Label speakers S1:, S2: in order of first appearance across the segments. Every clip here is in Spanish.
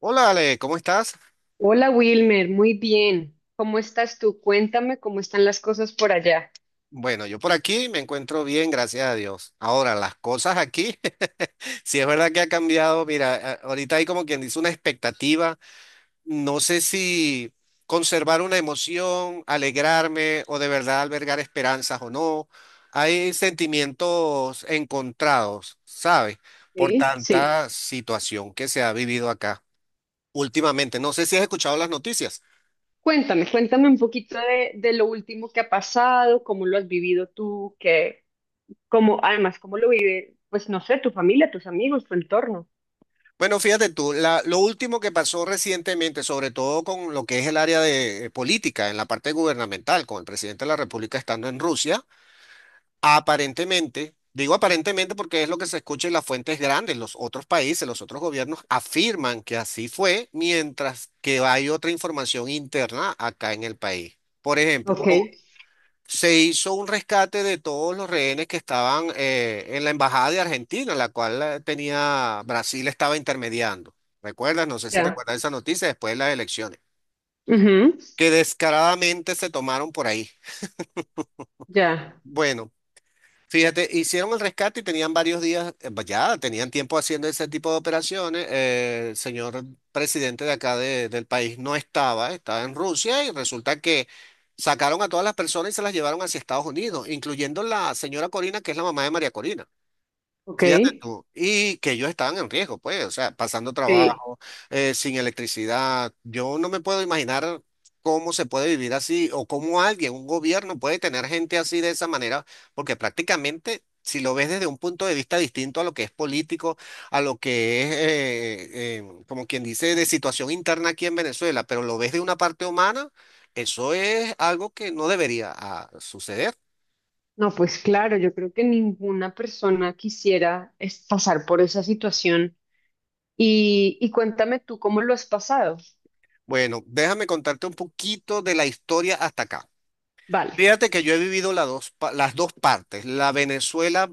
S1: Hola Ale, ¿cómo estás?
S2: Hola Wilmer, muy bien. ¿Cómo estás tú? Cuéntame cómo están las cosas por allá.
S1: Bueno, yo por aquí me encuentro bien, gracias a Dios. Ahora, las cosas aquí, si es verdad que ha cambiado, mira, ahorita hay como quien dice una expectativa, no sé si conservar una emoción, alegrarme o de verdad albergar esperanzas o no. Hay sentimientos encontrados, ¿sabes? Por
S2: Sí, sí.
S1: tanta situación que se ha vivido acá últimamente. No sé si has escuchado las noticias.
S2: Cuéntame, cuéntame un poquito de lo último que ha pasado, cómo lo has vivido tú, cómo, además, cómo lo vive, pues no sé, tu familia, tus amigos, tu entorno.
S1: Bueno, fíjate tú, lo último que pasó recientemente, sobre todo con lo que es el área de política, en la parte gubernamental, con el presidente de la República estando en Rusia, aparentemente. Digo aparentemente porque es lo que se escucha en las fuentes grandes, los otros países, los otros gobiernos afirman que así fue, mientras que hay otra información interna acá en el país. Por ejemplo,
S2: Ok,
S1: se hizo un rescate de todos los rehenes que estaban en la embajada de Argentina, la cual tenía Brasil estaba intermediando. ¿Recuerdas? No sé si
S2: ya,
S1: recuerdas esa noticia después de las elecciones,
S2: ujú,
S1: que descaradamente se tomaron por ahí.
S2: ya,
S1: Bueno. Fíjate, hicieron el rescate y tenían varios días, pues ya tenían tiempo haciendo ese tipo de operaciones. El señor presidente de acá del país no estaba, estaba en Rusia y resulta que sacaron a todas las personas y se las llevaron hacia Estados Unidos, incluyendo la señora Corina, que es la mamá de María Corina.
S2: ok.
S1: Fíjate tú, y que ellos estaban en riesgo, pues, o sea, pasando
S2: Sí.
S1: trabajo, sin electricidad. Yo no me puedo imaginar cómo se puede vivir así o cómo alguien, un gobierno puede tener gente así de esa manera, porque prácticamente, si lo ves desde un punto de vista distinto a lo que es político, a lo que es, como quien dice, de situación interna aquí en Venezuela, pero lo ves de una parte humana, eso es algo que no debería suceder.
S2: No, pues claro, yo creo que ninguna persona quisiera es pasar por esa situación. Y cuéntame tú cómo lo has pasado.
S1: Bueno, déjame contarte un poquito de la historia hasta acá.
S2: Vale.
S1: Fíjate que yo he vivido las dos, las dos partes. La Venezuela,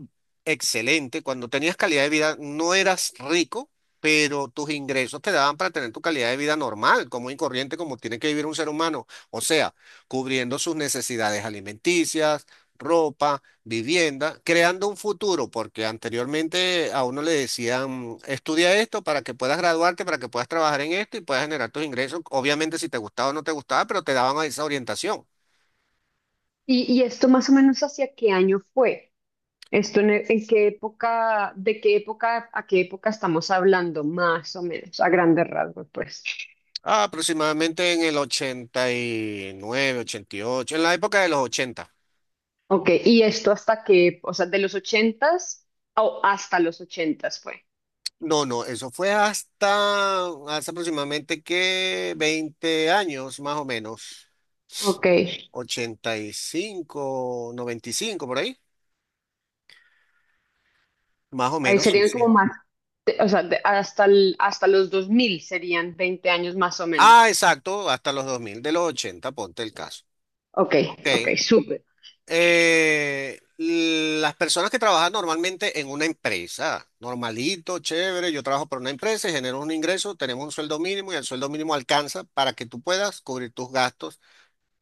S1: excelente. Cuando tenías calidad de vida, no eras rico, pero tus ingresos te daban para tener tu calidad de vida normal, como y corriente, como tiene que vivir un ser humano. O sea, cubriendo sus necesidades alimenticias, ropa, vivienda, creando un futuro, porque anteriormente a uno le decían, estudia esto para que puedas graduarte, para que puedas trabajar en esto y puedas generar tus ingresos. Obviamente, si te gustaba o no te gustaba, pero te daban esa orientación.
S2: ¿Y esto más o menos hacia qué año fue? ¿Esto en qué época, de qué época a qué época estamos hablando, más o menos, a grandes rasgos, pues?
S1: Ah, aproximadamente en el 80 89, 88, en la época de los 80.
S2: Ok, ¿y esto hasta qué, o sea, de los ochentas o hasta los ochentas fue?
S1: No, no, eso fue hasta hace aproximadamente que 20 años, más o menos.
S2: Ok,
S1: 85, 95 por ahí. Más o
S2: ahí
S1: menos, sí,
S2: serían
S1: sí.
S2: como más, o sea, hasta los 2000 serían 20 años más o
S1: Ah,
S2: menos.
S1: exacto, hasta los 2000 de los 80, ponte el caso.
S2: Ok,
S1: Ok.
S2: ok, súper.
S1: Las personas que trabajan normalmente en una empresa, normalito, chévere, yo trabajo para una empresa y genero un ingreso, tenemos un sueldo mínimo y el sueldo mínimo alcanza para que tú puedas cubrir tus gastos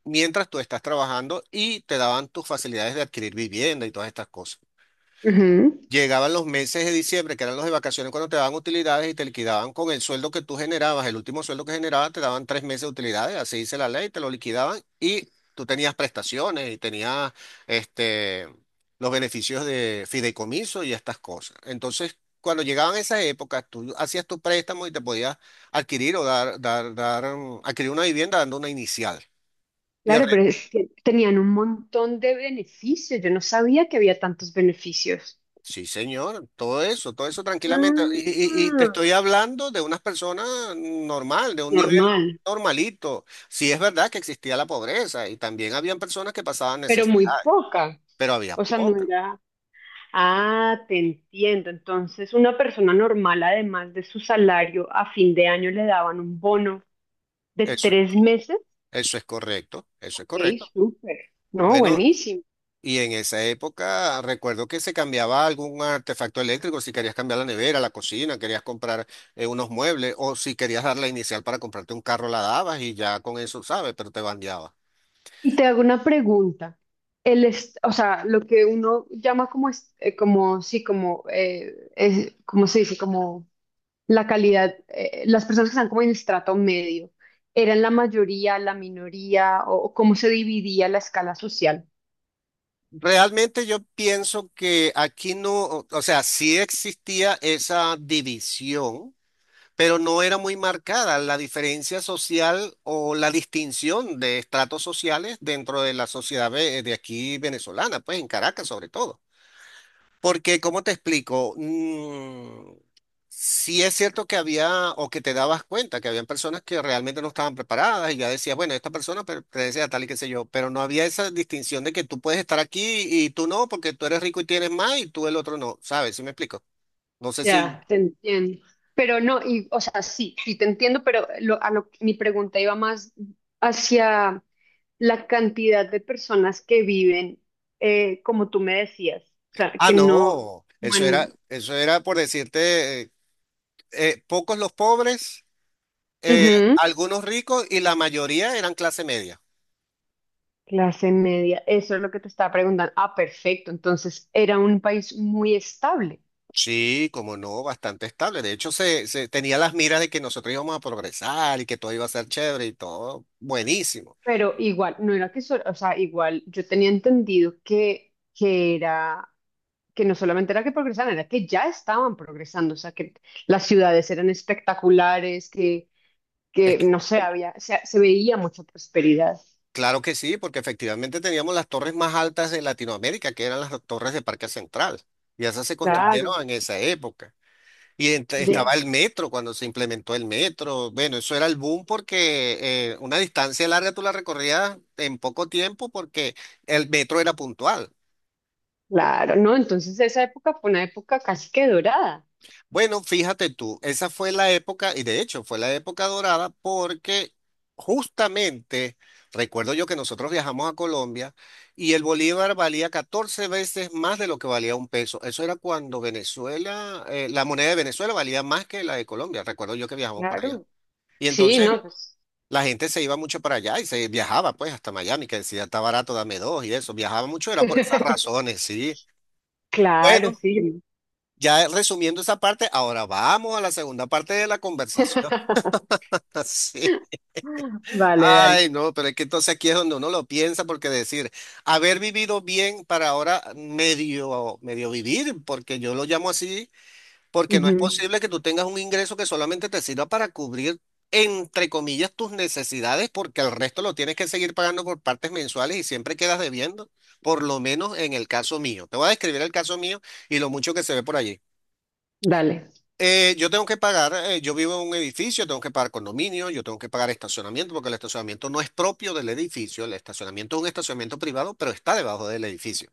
S1: mientras tú estás trabajando y te daban tus facilidades de adquirir vivienda y todas estas cosas.
S2: Ujú.
S1: Llegaban los meses de diciembre, que eran los de vacaciones, cuando te daban utilidades y te liquidaban con el sueldo que tú generabas, el último sueldo que generabas, te daban 3 meses de utilidades, así dice la ley, te lo liquidaban y tú tenías prestaciones y tenías este, los beneficios de fideicomiso y estas cosas. Entonces, cuando llegaban esas épocas, tú hacías tu préstamo y te podías adquirir o adquirir una vivienda dando una inicial. Y el
S2: Claro, pero es que tenían un montón de beneficios. Yo no sabía que había tantos beneficios.
S1: Sí, señor, todo eso tranquilamente. Y, y te
S2: Ah,
S1: estoy hablando de unas personas normal, de un nivel
S2: normal,
S1: normalito. Sí es verdad que existía la pobreza y también habían personas que pasaban
S2: pero
S1: necesidad,
S2: muy poca.
S1: pero había
S2: O sea, no
S1: poca.
S2: era. Ah, te entiendo. Entonces, una persona normal, además de su salario, a fin de año le daban un bono de
S1: Eso,
S2: tres meses.
S1: eso es correcto, eso es
S2: Ok,
S1: correcto.
S2: súper. No,
S1: Bueno,
S2: buenísimo.
S1: y en esa época recuerdo que se cambiaba algún artefacto eléctrico, si querías cambiar la nevera, la cocina, querías comprar unos muebles o si querías dar la inicial para comprarte un carro, la dabas y ya con eso, ¿sabes? Pero te bandeaba.
S2: Y te hago una pregunta. O sea, lo que uno llama como, como sí, como, ¿cómo se dice? Como la calidad, las personas que están como en el estrato medio, ¿eran la mayoría, la minoría o, cómo se dividía la escala social?
S1: Realmente yo pienso que aquí no, o sea, sí existía esa división, pero no era muy marcada la diferencia social o la distinción de estratos sociales dentro de la sociedad de aquí venezolana, pues en Caracas sobre todo. Porque, ¿cómo te explico? Sí es cierto que había, o que te dabas cuenta, que habían personas que realmente no estaban preparadas y ya decías, bueno, esta persona pertenece a tal y qué sé yo, pero no había esa distinción de que tú puedes estar aquí y tú no, porque tú eres rico y tienes más y tú el otro no, ¿sabes? ¿Sí me explico? No sé si...
S2: Ya, te entiendo. Pero no, y, o sea, sí, sí te entiendo, pero mi pregunta iba más hacia la cantidad de personas que viven, como tú me decías, o sea,
S1: Ah,
S2: que no,
S1: no,
S2: como en-
S1: eso era por decirte, pocos los pobres, eh,
S2: ujú,
S1: algunos ricos y la mayoría eran clase media.
S2: clase media, eso es lo que te estaba preguntando. Ah, perfecto, entonces era un país muy estable.
S1: Sí, como no, bastante estable. De hecho, se tenía las miras de que nosotros íbamos a progresar y que todo iba a ser chévere y todo buenísimo.
S2: Pero igual, no era que solo, o sea, igual yo tenía entendido que, era, que no solamente era que progresaban, era que ya estaban progresando, o sea, que las ciudades eran espectaculares,
S1: Es
S2: que no
S1: que-
S2: sé, había, se veía mucha prosperidad.
S1: claro que sí, porque efectivamente teníamos las torres más altas de Latinoamérica, que eran las torres de Parque Central, y esas se construyeron
S2: Claro,
S1: en esa época.
S2: ya,
S1: Estaba el metro cuando se implementó el metro. Bueno, eso era el boom porque una distancia larga tú la recorrías en poco tiempo porque el metro era puntual.
S2: claro, ¿no? Entonces esa época fue una época casi que dorada.
S1: Bueno, fíjate tú, esa fue la época, y de hecho fue la época dorada porque justamente recuerdo yo que nosotros viajamos a Colombia y el bolívar valía 14 veces más de lo que valía un peso. Eso era cuando Venezuela, la moneda de Venezuela valía más que la de Colombia. Recuerdo yo que viajamos para allá.
S2: Claro.
S1: Y
S2: Sí,
S1: entonces
S2: ¿no? Pues.
S1: la gente se iba mucho para allá y se viajaba pues hasta Miami, que decía está barato, dame dos y eso. Viajaba mucho, era por esas razones, sí.
S2: Claro,
S1: Bueno.
S2: sí.
S1: Ya resumiendo esa parte, ahora vamos a la segunda parte de la conversación. Así.
S2: Vale, dale.
S1: Ay, no, pero es que entonces aquí es donde uno lo piensa, porque decir, haber vivido bien para ahora medio, medio vivir, porque yo lo llamo así, porque no es
S2: Ujú.
S1: posible que tú tengas un ingreso que solamente te sirva para cubrir, entre comillas, tus necesidades, porque el resto lo tienes que seguir pagando por partes mensuales y siempre quedas debiendo, por lo menos en el caso mío. Te voy a describir el caso mío y lo mucho que se ve por allí.
S2: Dale.
S1: Yo tengo que pagar, yo vivo en un edificio, tengo que pagar condominio, yo tengo que pagar estacionamiento, porque el estacionamiento no es propio del edificio, el estacionamiento es un estacionamiento privado, pero está debajo del edificio.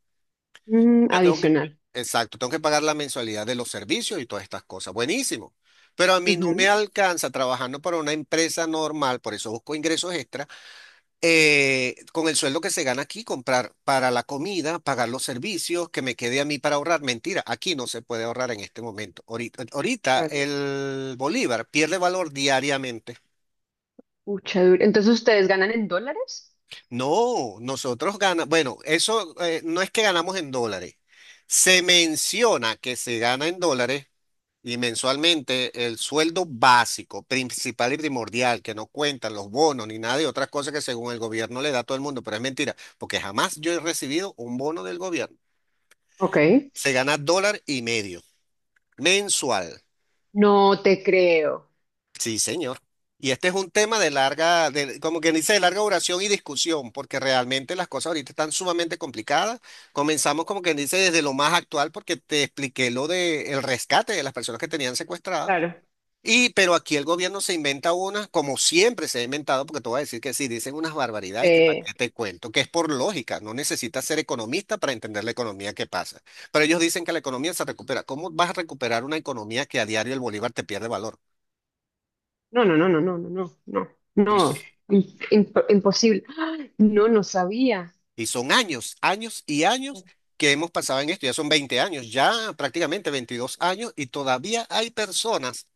S2: Mm,
S1: Yo tengo que-
S2: adicional.
S1: exacto, tengo que pagar la mensualidad de los servicios y todas estas cosas. Buenísimo. Pero a mí no
S2: Ujú,
S1: me alcanza trabajando para una empresa normal, por eso busco ingresos extra con el sueldo que se gana aquí, comprar para la comida, pagar los servicios, que me quede a mí para ahorrar. Mentira, aquí no se puede ahorrar en este momento. Ahorita, ahorita
S2: claro.
S1: el bolívar pierde valor diariamente.
S2: Pucha, duro. Entonces, ¿ustedes ganan en dólares?
S1: No, nosotros ganamos, bueno, eso no es que ganamos en dólares. Se menciona que se gana en dólares. Y mensualmente el sueldo básico, principal y primordial, que no cuentan los bonos ni nada de otras cosas que según el gobierno le da a todo el mundo, pero es mentira, porque jamás yo he recibido un bono del gobierno.
S2: Ok.
S1: Se gana $1,5 mensual.
S2: No te creo.
S1: Sí, señor. Y este es un tema de larga, de, como quien dice, de larga duración y discusión, porque realmente las cosas ahorita están sumamente complicadas. Comenzamos como quien dice desde lo más actual, porque te expliqué lo del rescate de las personas que tenían secuestradas.
S2: Claro.
S1: Y, pero aquí el gobierno se inventa una, como siempre se ha inventado, porque te voy a decir que sí, dicen unas barbaridades que para
S2: Eh,
S1: qué te cuento, que es por lógica, no necesitas ser economista para entender la economía que pasa. Pero ellos dicen que la economía se recupera. ¿Cómo vas a recuperar una economía que a diario el bolívar te pierde valor?
S2: no, no, no, no, no, no, no, no.
S1: Y,
S2: No. ¡Imposible. ¡Ah! No, no sabía.
S1: y son años, años y años que hemos pasado en esto, ya son 20 años, ya prácticamente 22 años, y todavía hay personas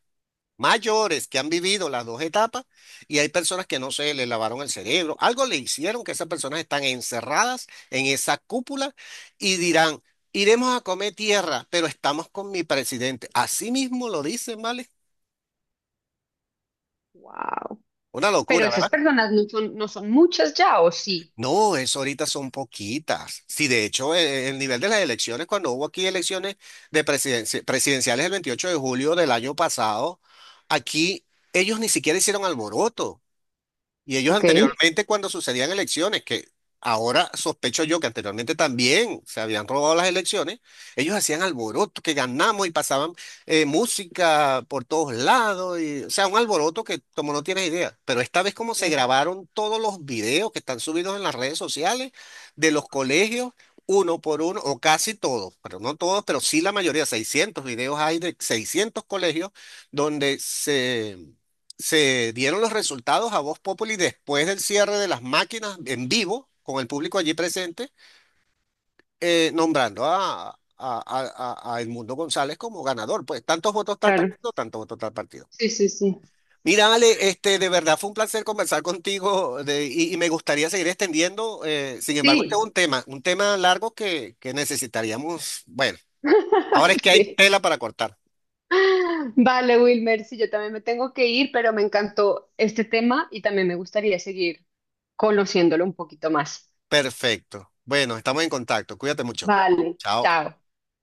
S1: mayores que han vivido las dos etapas y hay personas que no se le lavaron el cerebro, algo le hicieron que esas personas están encerradas en esa cúpula y dirán, iremos a comer tierra, pero estamos con mi presidente. Así mismo lo dicen, ¿vale?
S2: Wow.
S1: Una
S2: Pero
S1: locura,
S2: esas
S1: ¿verdad?
S2: personas no son, muchas ya, ¿o sí?
S1: No, eso ahorita son poquitas. Sí, de hecho, el nivel de las elecciones, cuando hubo aquí elecciones presidenciales el 28 de julio del año pasado, aquí ellos ni siquiera hicieron alboroto. Y ellos
S2: Ok,
S1: anteriormente, cuando sucedían elecciones, que ahora sospecho yo que anteriormente también se habían robado las elecciones, ellos hacían alboroto, que ganamos y pasaban música por todos lados, y, o sea, un alboroto que como no tienes idea. Pero esta vez como se
S2: claro,
S1: grabaron todos los videos que están subidos en las redes sociales de los colegios, uno por uno, o casi todos, pero no todos, pero sí la mayoría, 600 videos hay de 600 colegios donde se dieron los resultados a Voz Populi después del cierre de las máquinas en vivo, con el público allí presente, nombrando a, Edmundo González como ganador. Pues tantos votos tal
S2: claro.
S1: partido, tantos votos tal partido.
S2: Sí, sí, sí.
S1: Mira, Ale, este, de verdad fue un placer conversar contigo y me gustaría seguir extendiendo. Sin embargo, este es
S2: Sí.
S1: un tema largo que necesitaríamos. Bueno, ahora es que hay
S2: Sí.
S1: tela para cortar.
S2: Vale, Wilmer, sí, yo también me tengo que ir, pero me encantó este tema y también me gustaría seguir conociéndolo un poquito más.
S1: Perfecto. Bueno, estamos en contacto. Cuídate mucho.
S2: Vale,
S1: Chao.
S2: chao.